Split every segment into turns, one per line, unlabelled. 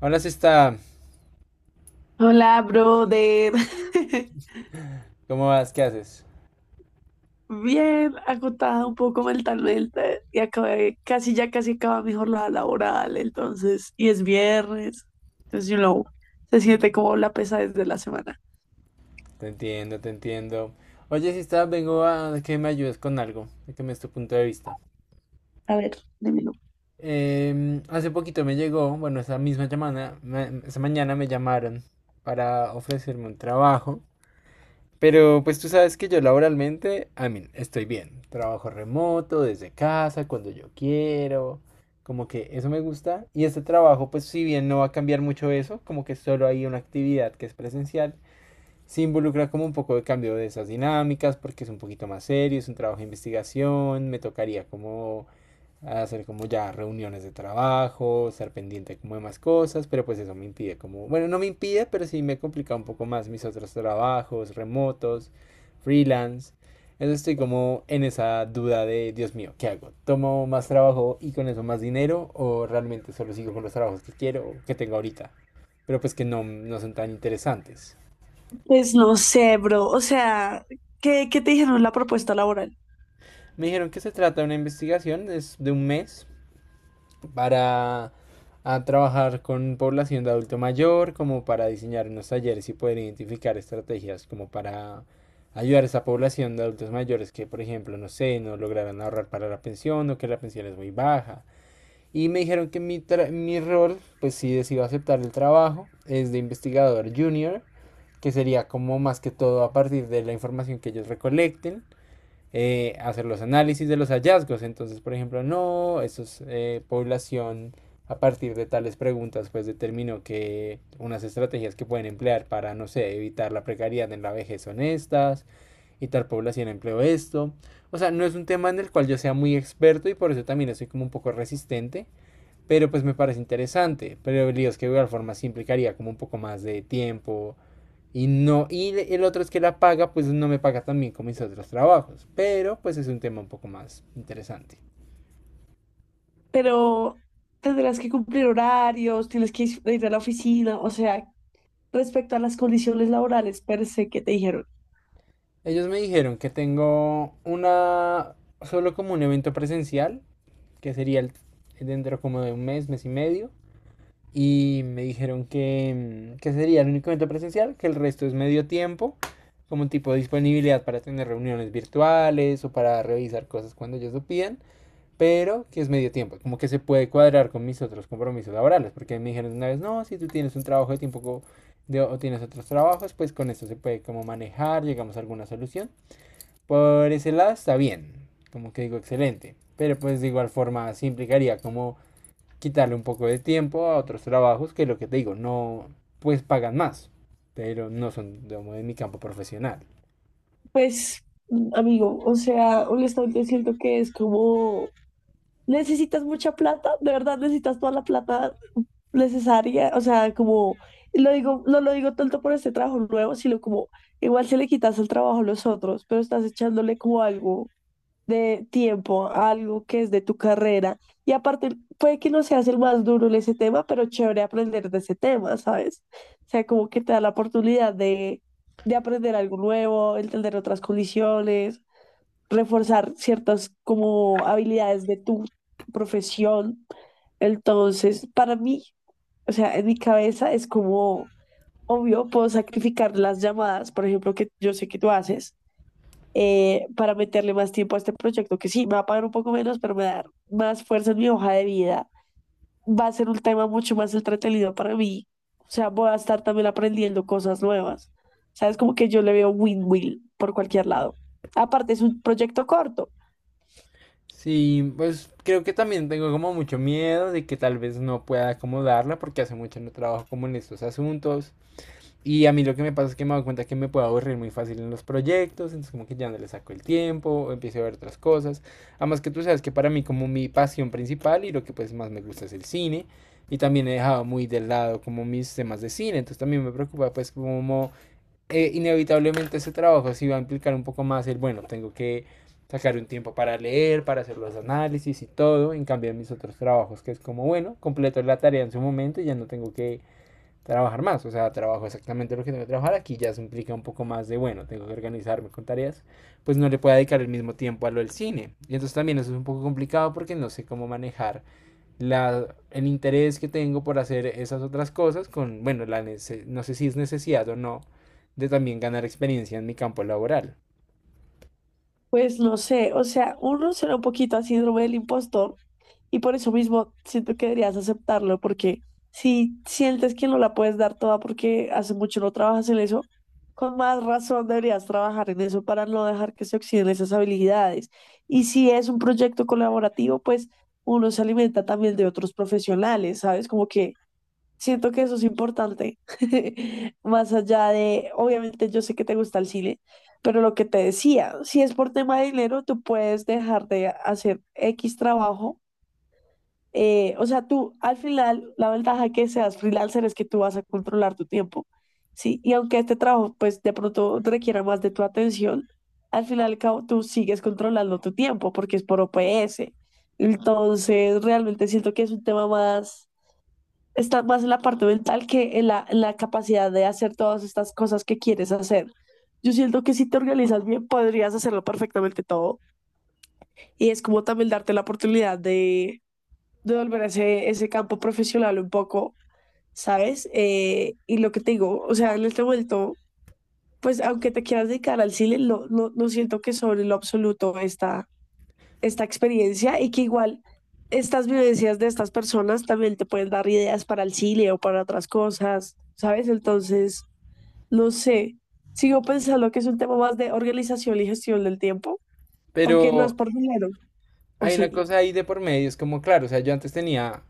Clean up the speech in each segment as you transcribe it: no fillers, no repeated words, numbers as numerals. Hola, si está.
Hola, brother.
¿Cómo vas? ¿Qué haces?
Bien, agotada un poco mentalmente y acabé, casi ya casi acaba mi jornada laboral, entonces, y es viernes, entonces, se siente como la pesadez de la semana.
Te entiendo, te entiendo. Oye, si está, vengo a que me ayudes con algo, a que me des tu punto de vista.
A ver, dímelo.
Hace poquito me llegó, bueno, esa misma llamada, esa mañana me llamaron para ofrecerme un trabajo. Pero pues tú sabes que yo laboralmente, a mí, estoy bien. Trabajo remoto, desde casa, cuando yo quiero. Como que eso me gusta. Y este trabajo, pues si bien no va a cambiar mucho eso, como que solo hay una actividad que es presencial. Sí involucra como un poco de cambio de esas dinámicas porque es un poquito más serio, es un trabajo de investigación, me tocaría como hacer como ya reuniones de trabajo, estar pendiente como de más cosas, pero pues eso me impide como, bueno, no me impide, pero sí me complica un poco más mis otros trabajos remotos, freelance. Entonces estoy como en esa duda de, Dios mío, ¿qué hago? ¿Tomo más trabajo y con eso más dinero o realmente solo sigo con los trabajos que quiero o que tengo ahorita? Pero pues que no, no son tan interesantes.
Pues no sé, bro, o sea, ¿qué te dijeron en la propuesta laboral?
Me dijeron que se trata de una investigación, es de un mes, para a trabajar con población de adulto mayor, como para diseñar unos talleres y poder identificar estrategias como para ayudar a esa población de adultos mayores que, por ejemplo, no sé, no lograran ahorrar para la pensión o que la pensión es muy baja. Y me dijeron que mi, mi rol, pues si decido aceptar el trabajo, es de investigador junior, que sería como más que todo a partir de la información que ellos recolecten, hacer los análisis de los hallazgos. Entonces, por ejemplo, no, eso es población. A partir de tales preguntas, pues determinó que unas estrategias que pueden emplear para, no sé, evitar la precariedad en la vejez son estas, y tal población empleó esto. O sea, no es un tema en el cual yo sea muy experto y por eso también estoy como un poco resistente, pero pues me parece interesante. Pero el lío es que de igual forma sí implicaría como un poco más de tiempo, y no, y el otro es que la paga, pues no me paga tan bien como mis otros trabajos. Pero pues es un tema un poco más interesante.
Pero tendrás que cumplir horarios, tienes que ir a la oficina, o sea, respecto a las condiciones laborales per se que te dijeron.
Ellos me dijeron que tengo una, solo como un evento presencial, que sería dentro como de un mes, mes y medio. Y me dijeron que, que sería el único evento presencial, que el resto es medio tiempo, como un tipo de disponibilidad para tener reuniones virtuales o para revisar cosas cuando ellos lo pidan, pero que es medio tiempo, como que se puede cuadrar con mis otros compromisos laborales, porque me dijeron una vez, no, si tú tienes un trabajo de tiempo de, o tienes otros trabajos, pues con esto se puede como manejar, llegamos a alguna solución. Por ese lado está bien, como que digo excelente, pero pues de igual forma sí implicaría como quitarle un poco de tiempo a otros trabajos que lo que te digo, no, pues pagan más, pero no son digamos, de mi campo profesional.
Pues, amigo, o sea, honestamente siento que es como, necesitas mucha plata, de verdad necesitas toda la plata necesaria, o sea, como, lo digo, no lo digo tanto por este trabajo nuevo, sino como, igual si le quitas el trabajo a los otros, pero estás echándole como algo de tiempo a algo que es de tu carrera. Y aparte, puede que no seas el más duro en ese tema, pero chévere aprender de ese tema, ¿sabes? O sea, como que te da la oportunidad de aprender algo nuevo, entender otras condiciones, reforzar ciertas como habilidades de tu profesión. Entonces, para mí, o sea, en mi cabeza es como, obvio, puedo sacrificar las llamadas, por ejemplo, que yo sé que tú haces, para meterle más tiempo a este proyecto, que sí, me va a pagar un poco menos, pero me va a dar más fuerza en mi hoja de vida. Va a ser un tema mucho más entretenido para mí. O sea, voy a estar también aprendiendo cosas nuevas. O sea, es como que yo le veo win-win por cualquier lado. Aparte, es un proyecto corto.
Sí, pues creo que también tengo como mucho miedo de que tal vez no pueda acomodarla porque hace mucho no trabajo como en estos asuntos y a mí lo que me pasa es que me doy cuenta que me puedo aburrir muy fácil en los proyectos, entonces como que ya no le saco el tiempo o empiezo a ver otras cosas. Además que tú sabes que para mí como mi pasión principal y lo que pues más me gusta es el cine y también he dejado muy de lado como mis temas de cine, entonces también me preocupa pues como, inevitablemente ese trabajo sí va a implicar un poco más el, bueno, tengo que sacar un tiempo para leer, para hacer los análisis y todo, en cambio en mis otros trabajos, que es como, bueno, completo la tarea en su momento y ya no tengo que trabajar más, o sea, trabajo exactamente lo que tengo que trabajar, aquí ya se implica un poco más de, bueno, tengo que organizarme con tareas, pues no le puedo dedicar el mismo tiempo a lo del cine. Y entonces también eso es un poco complicado porque no sé cómo manejar la, el interés que tengo por hacer esas otras cosas con, bueno, la no sé si es necesidad o no de también ganar experiencia en mi campo laboral.
Pues no sé, o sea, uno suena un poquito a síndrome del impostor y por eso mismo siento que deberías aceptarlo, porque si sientes que no la puedes dar toda porque hace mucho no trabajas en eso, con más razón deberías trabajar en eso para no dejar que se oxiden esas habilidades. Y si es un proyecto colaborativo, pues uno se alimenta también de otros profesionales, ¿sabes? Como que siento que eso es importante, más allá de, obviamente yo sé que te gusta el cine, pero lo que te decía, si es por tema de dinero, tú puedes dejar de hacer X trabajo. O sea, tú al final, la ventaja que seas freelancer es que tú vas a controlar tu tiempo, ¿sí? Y aunque este trabajo, pues de pronto requiera más de tu atención, al final y al cabo tú sigues controlando tu tiempo porque es por OPS. Entonces, realmente siento que es un tema más, está más en la parte mental que en la capacidad de hacer todas estas cosas que quieres hacer. Yo siento que si te organizas bien, podrías hacerlo perfectamente todo. Y es como también darte la oportunidad de volver a ese, ese campo profesional un poco, ¿sabes? Y lo que te digo, o sea, en este momento, pues aunque te quieras dedicar al cine, no, no, no siento que sobre lo absoluto está esta experiencia y que igual estas vivencias de estas personas también te pueden dar ideas para el cine o para otras cosas, ¿sabes? Entonces, no sé, sigo pensando que es un tema más de organización y gestión del tiempo, porque no es
Pero
por dinero, o
hay una
sí.
cosa ahí de por medio, es como, claro, o sea, yo antes tenía,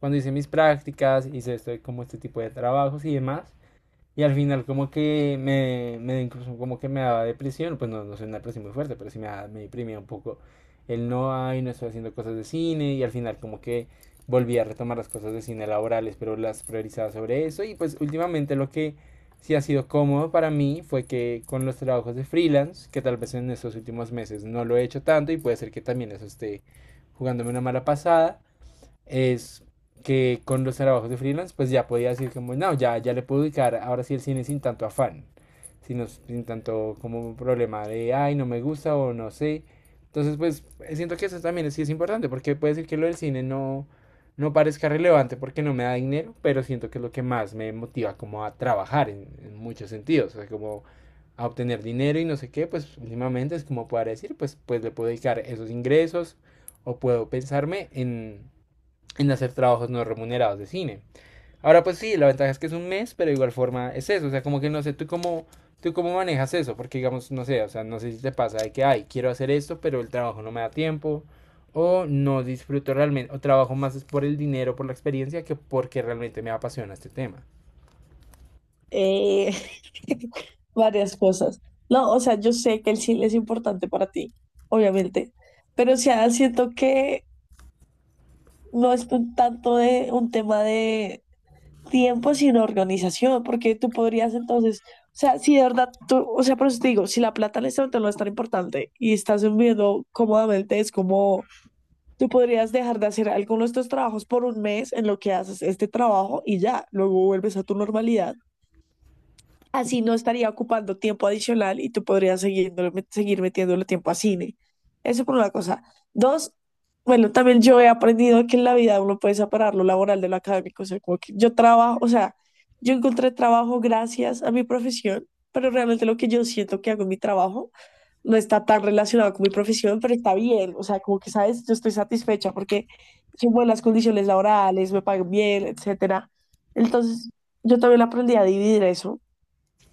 cuando hice mis prácticas, hice esto, como este tipo de trabajos y demás, y al final como que me incluso como que me daba depresión, pues no, no sé una depresión muy fuerte, pero sí me, me deprimía un poco el no hay, no estoy haciendo cosas de cine y al final como que volví a retomar las cosas de cine laborales, pero las priorizaba sobre eso y pues últimamente lo que sí ha sido cómodo para mí fue que con los trabajos de freelance, que tal vez en estos últimos meses no lo he hecho tanto y puede ser que también eso esté jugándome una mala pasada, es que con los trabajos de freelance, pues ya podía decir como, no, ya le puedo dedicar ahora sí el cine sin tanto afán, sino sin tanto como un problema de, ay, no me gusta o no sé. Entonces, pues siento que eso también sí es importante, porque puede decir que lo del cine no, no parezca relevante porque no me da dinero, pero siento que es lo que más me motiva como a trabajar en muchos sentidos, o sea, como a obtener dinero y no sé qué, pues últimamente es como poder decir, pues le puedo dedicar esos ingresos o puedo pensarme en hacer trabajos no remunerados de cine. Ahora pues sí, la ventaja es que es un mes, pero de igual forma es eso, o sea, como que no sé, tú cómo manejas eso, porque digamos, no sé, o sea, no sé si te pasa de que, ay, quiero hacer esto, pero el trabajo no me da tiempo, o no disfruto realmente, o trabajo más es por el dinero, por la experiencia, que porque realmente me apasiona este tema.
Eh, Varias cosas. No, o sea, yo sé que el cine es importante para ti, obviamente, pero o sea, siento que no es un tanto de un tema de tiempo sin organización, porque tú podrías entonces, o sea, si de verdad tú, o sea, por eso te digo, si la plata en este momento no es tan importante y estás viviendo cómodamente, es como tú podrías dejar de hacer algunos de estos trabajos por un mes en lo que haces este trabajo y ya, luego vuelves a tu normalidad. Así no estaría ocupando tiempo adicional y tú podrías seguir metiéndole tiempo a cine. Eso por una cosa. Dos, bueno, también yo he aprendido que en la vida uno puede separar lo laboral de lo académico. O sea, como que yo trabajo, o sea, yo encontré trabajo gracias a mi profesión, pero realmente lo que yo siento que hago en mi trabajo no está tan relacionado con mi profesión, pero está bien. O sea, como que, ¿sabes? Yo estoy satisfecha porque son buenas condiciones laborales, me pagan bien, etcétera. Entonces, yo también aprendí a dividir eso.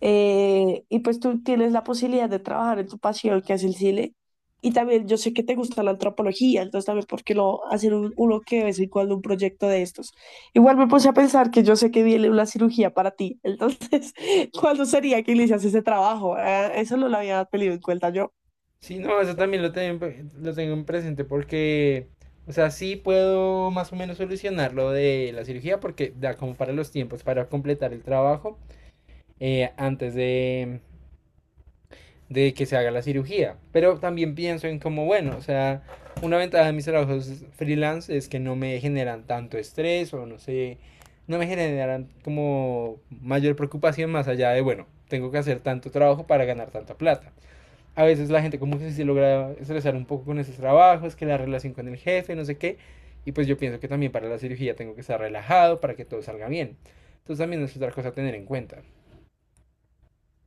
Y pues tú tienes la posibilidad de trabajar en tu pasión, que es el cine. Y también yo sé que te gusta la antropología, entonces también, ¿por qué no hacer uno que de vez en cuando un proyecto de estos? Igual me puse a pensar que yo sé que viene una cirugía para ti, entonces, ¿cuándo sería que inicias ese trabajo? Eso no lo había tenido en cuenta yo.
Sí, no, eso también lo tengo en presente porque, o sea, sí puedo más o menos solucionar lo de la cirugía porque da como para los tiempos para completar el trabajo, antes de que se haga la cirugía. Pero también pienso en como, bueno, o sea, una ventaja de mis trabajos freelance es que no me generan tanto estrés o no sé, no me generan como mayor preocupación más allá de, bueno, tengo que hacer tanto trabajo para ganar tanta plata. A veces la gente como que se logra estresar un poco con esos trabajos, que la relación con el jefe, no sé qué. Y pues yo pienso que también para la cirugía tengo que estar relajado para que todo salga bien. Entonces también es otra cosa a tener en cuenta.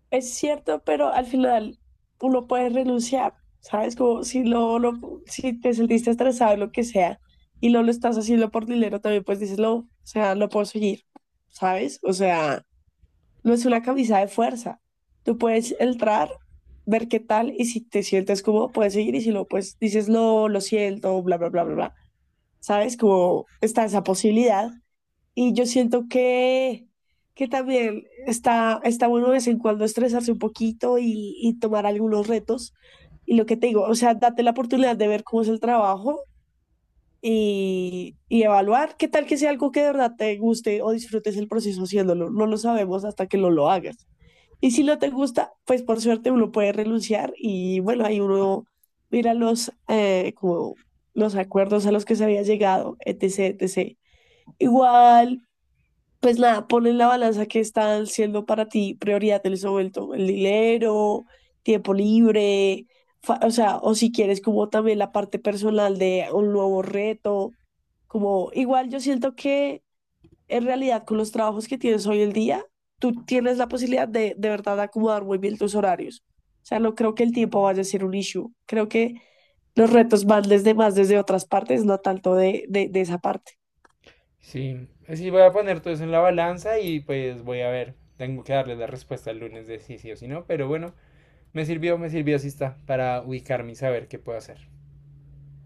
Es cierto, pero al final uno puede renunciar, ¿sabes? Como si si te sentiste estresado, lo que sea, y no lo estás haciendo por dinero, también pues dices, no, o sea, no puedo seguir, ¿sabes? O sea, no es una camisa de fuerza. Tú puedes entrar, ver qué tal, y si te sientes cómodo, puedes seguir, y si no, pues dices, no, lo siento, bla, bla, bla, bla, bla. ¿Sabes? Como está esa posibilidad. Y yo siento que también está, está bueno de vez en cuando estresarse un poquito y tomar algunos retos. Y lo que te digo, o sea, date la oportunidad de ver cómo es el trabajo y evaluar qué tal, que sea algo que de verdad te guste o disfrutes el proceso haciéndolo. No lo sabemos hasta que no lo hagas. Y si no te gusta, pues por suerte uno puede renunciar y bueno, ahí uno mira los, como los acuerdos a los que se había llegado, etc, etc. Igual pues nada, pon en la balanza que están siendo para ti prioridad en ese momento. El dinero, tiempo libre, o sea, o si quieres como también la parte personal de un nuevo reto. Como igual yo siento que en realidad con los trabajos que tienes hoy en día, tú tienes la posibilidad de verdad acomodar muy bien tus horarios. O sea, no creo que el tiempo vaya a ser un issue. Creo que los retos van desde más desde otras partes, no tanto de, de esa parte.
Sí, sí, voy a poner todo eso en la balanza y pues voy a ver. Tengo que darle la respuesta el lunes de si sí o si no, pero bueno, me sirvió, sí está, para ubicarme y saber qué puedo hacer.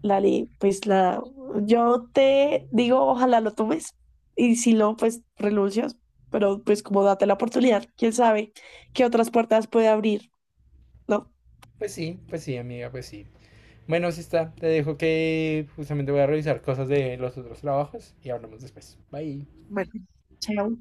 Lali, pues la, yo te digo, ojalá lo tomes y si no, pues renuncias, pero pues como date la oportunidad, quién sabe qué otras puertas puede abrir, ¿no?
Pues sí, amiga, pues sí. Bueno, sí está, te dejo que justamente voy a revisar cosas de los otros trabajos y hablamos después. Bye.
Bueno, chao.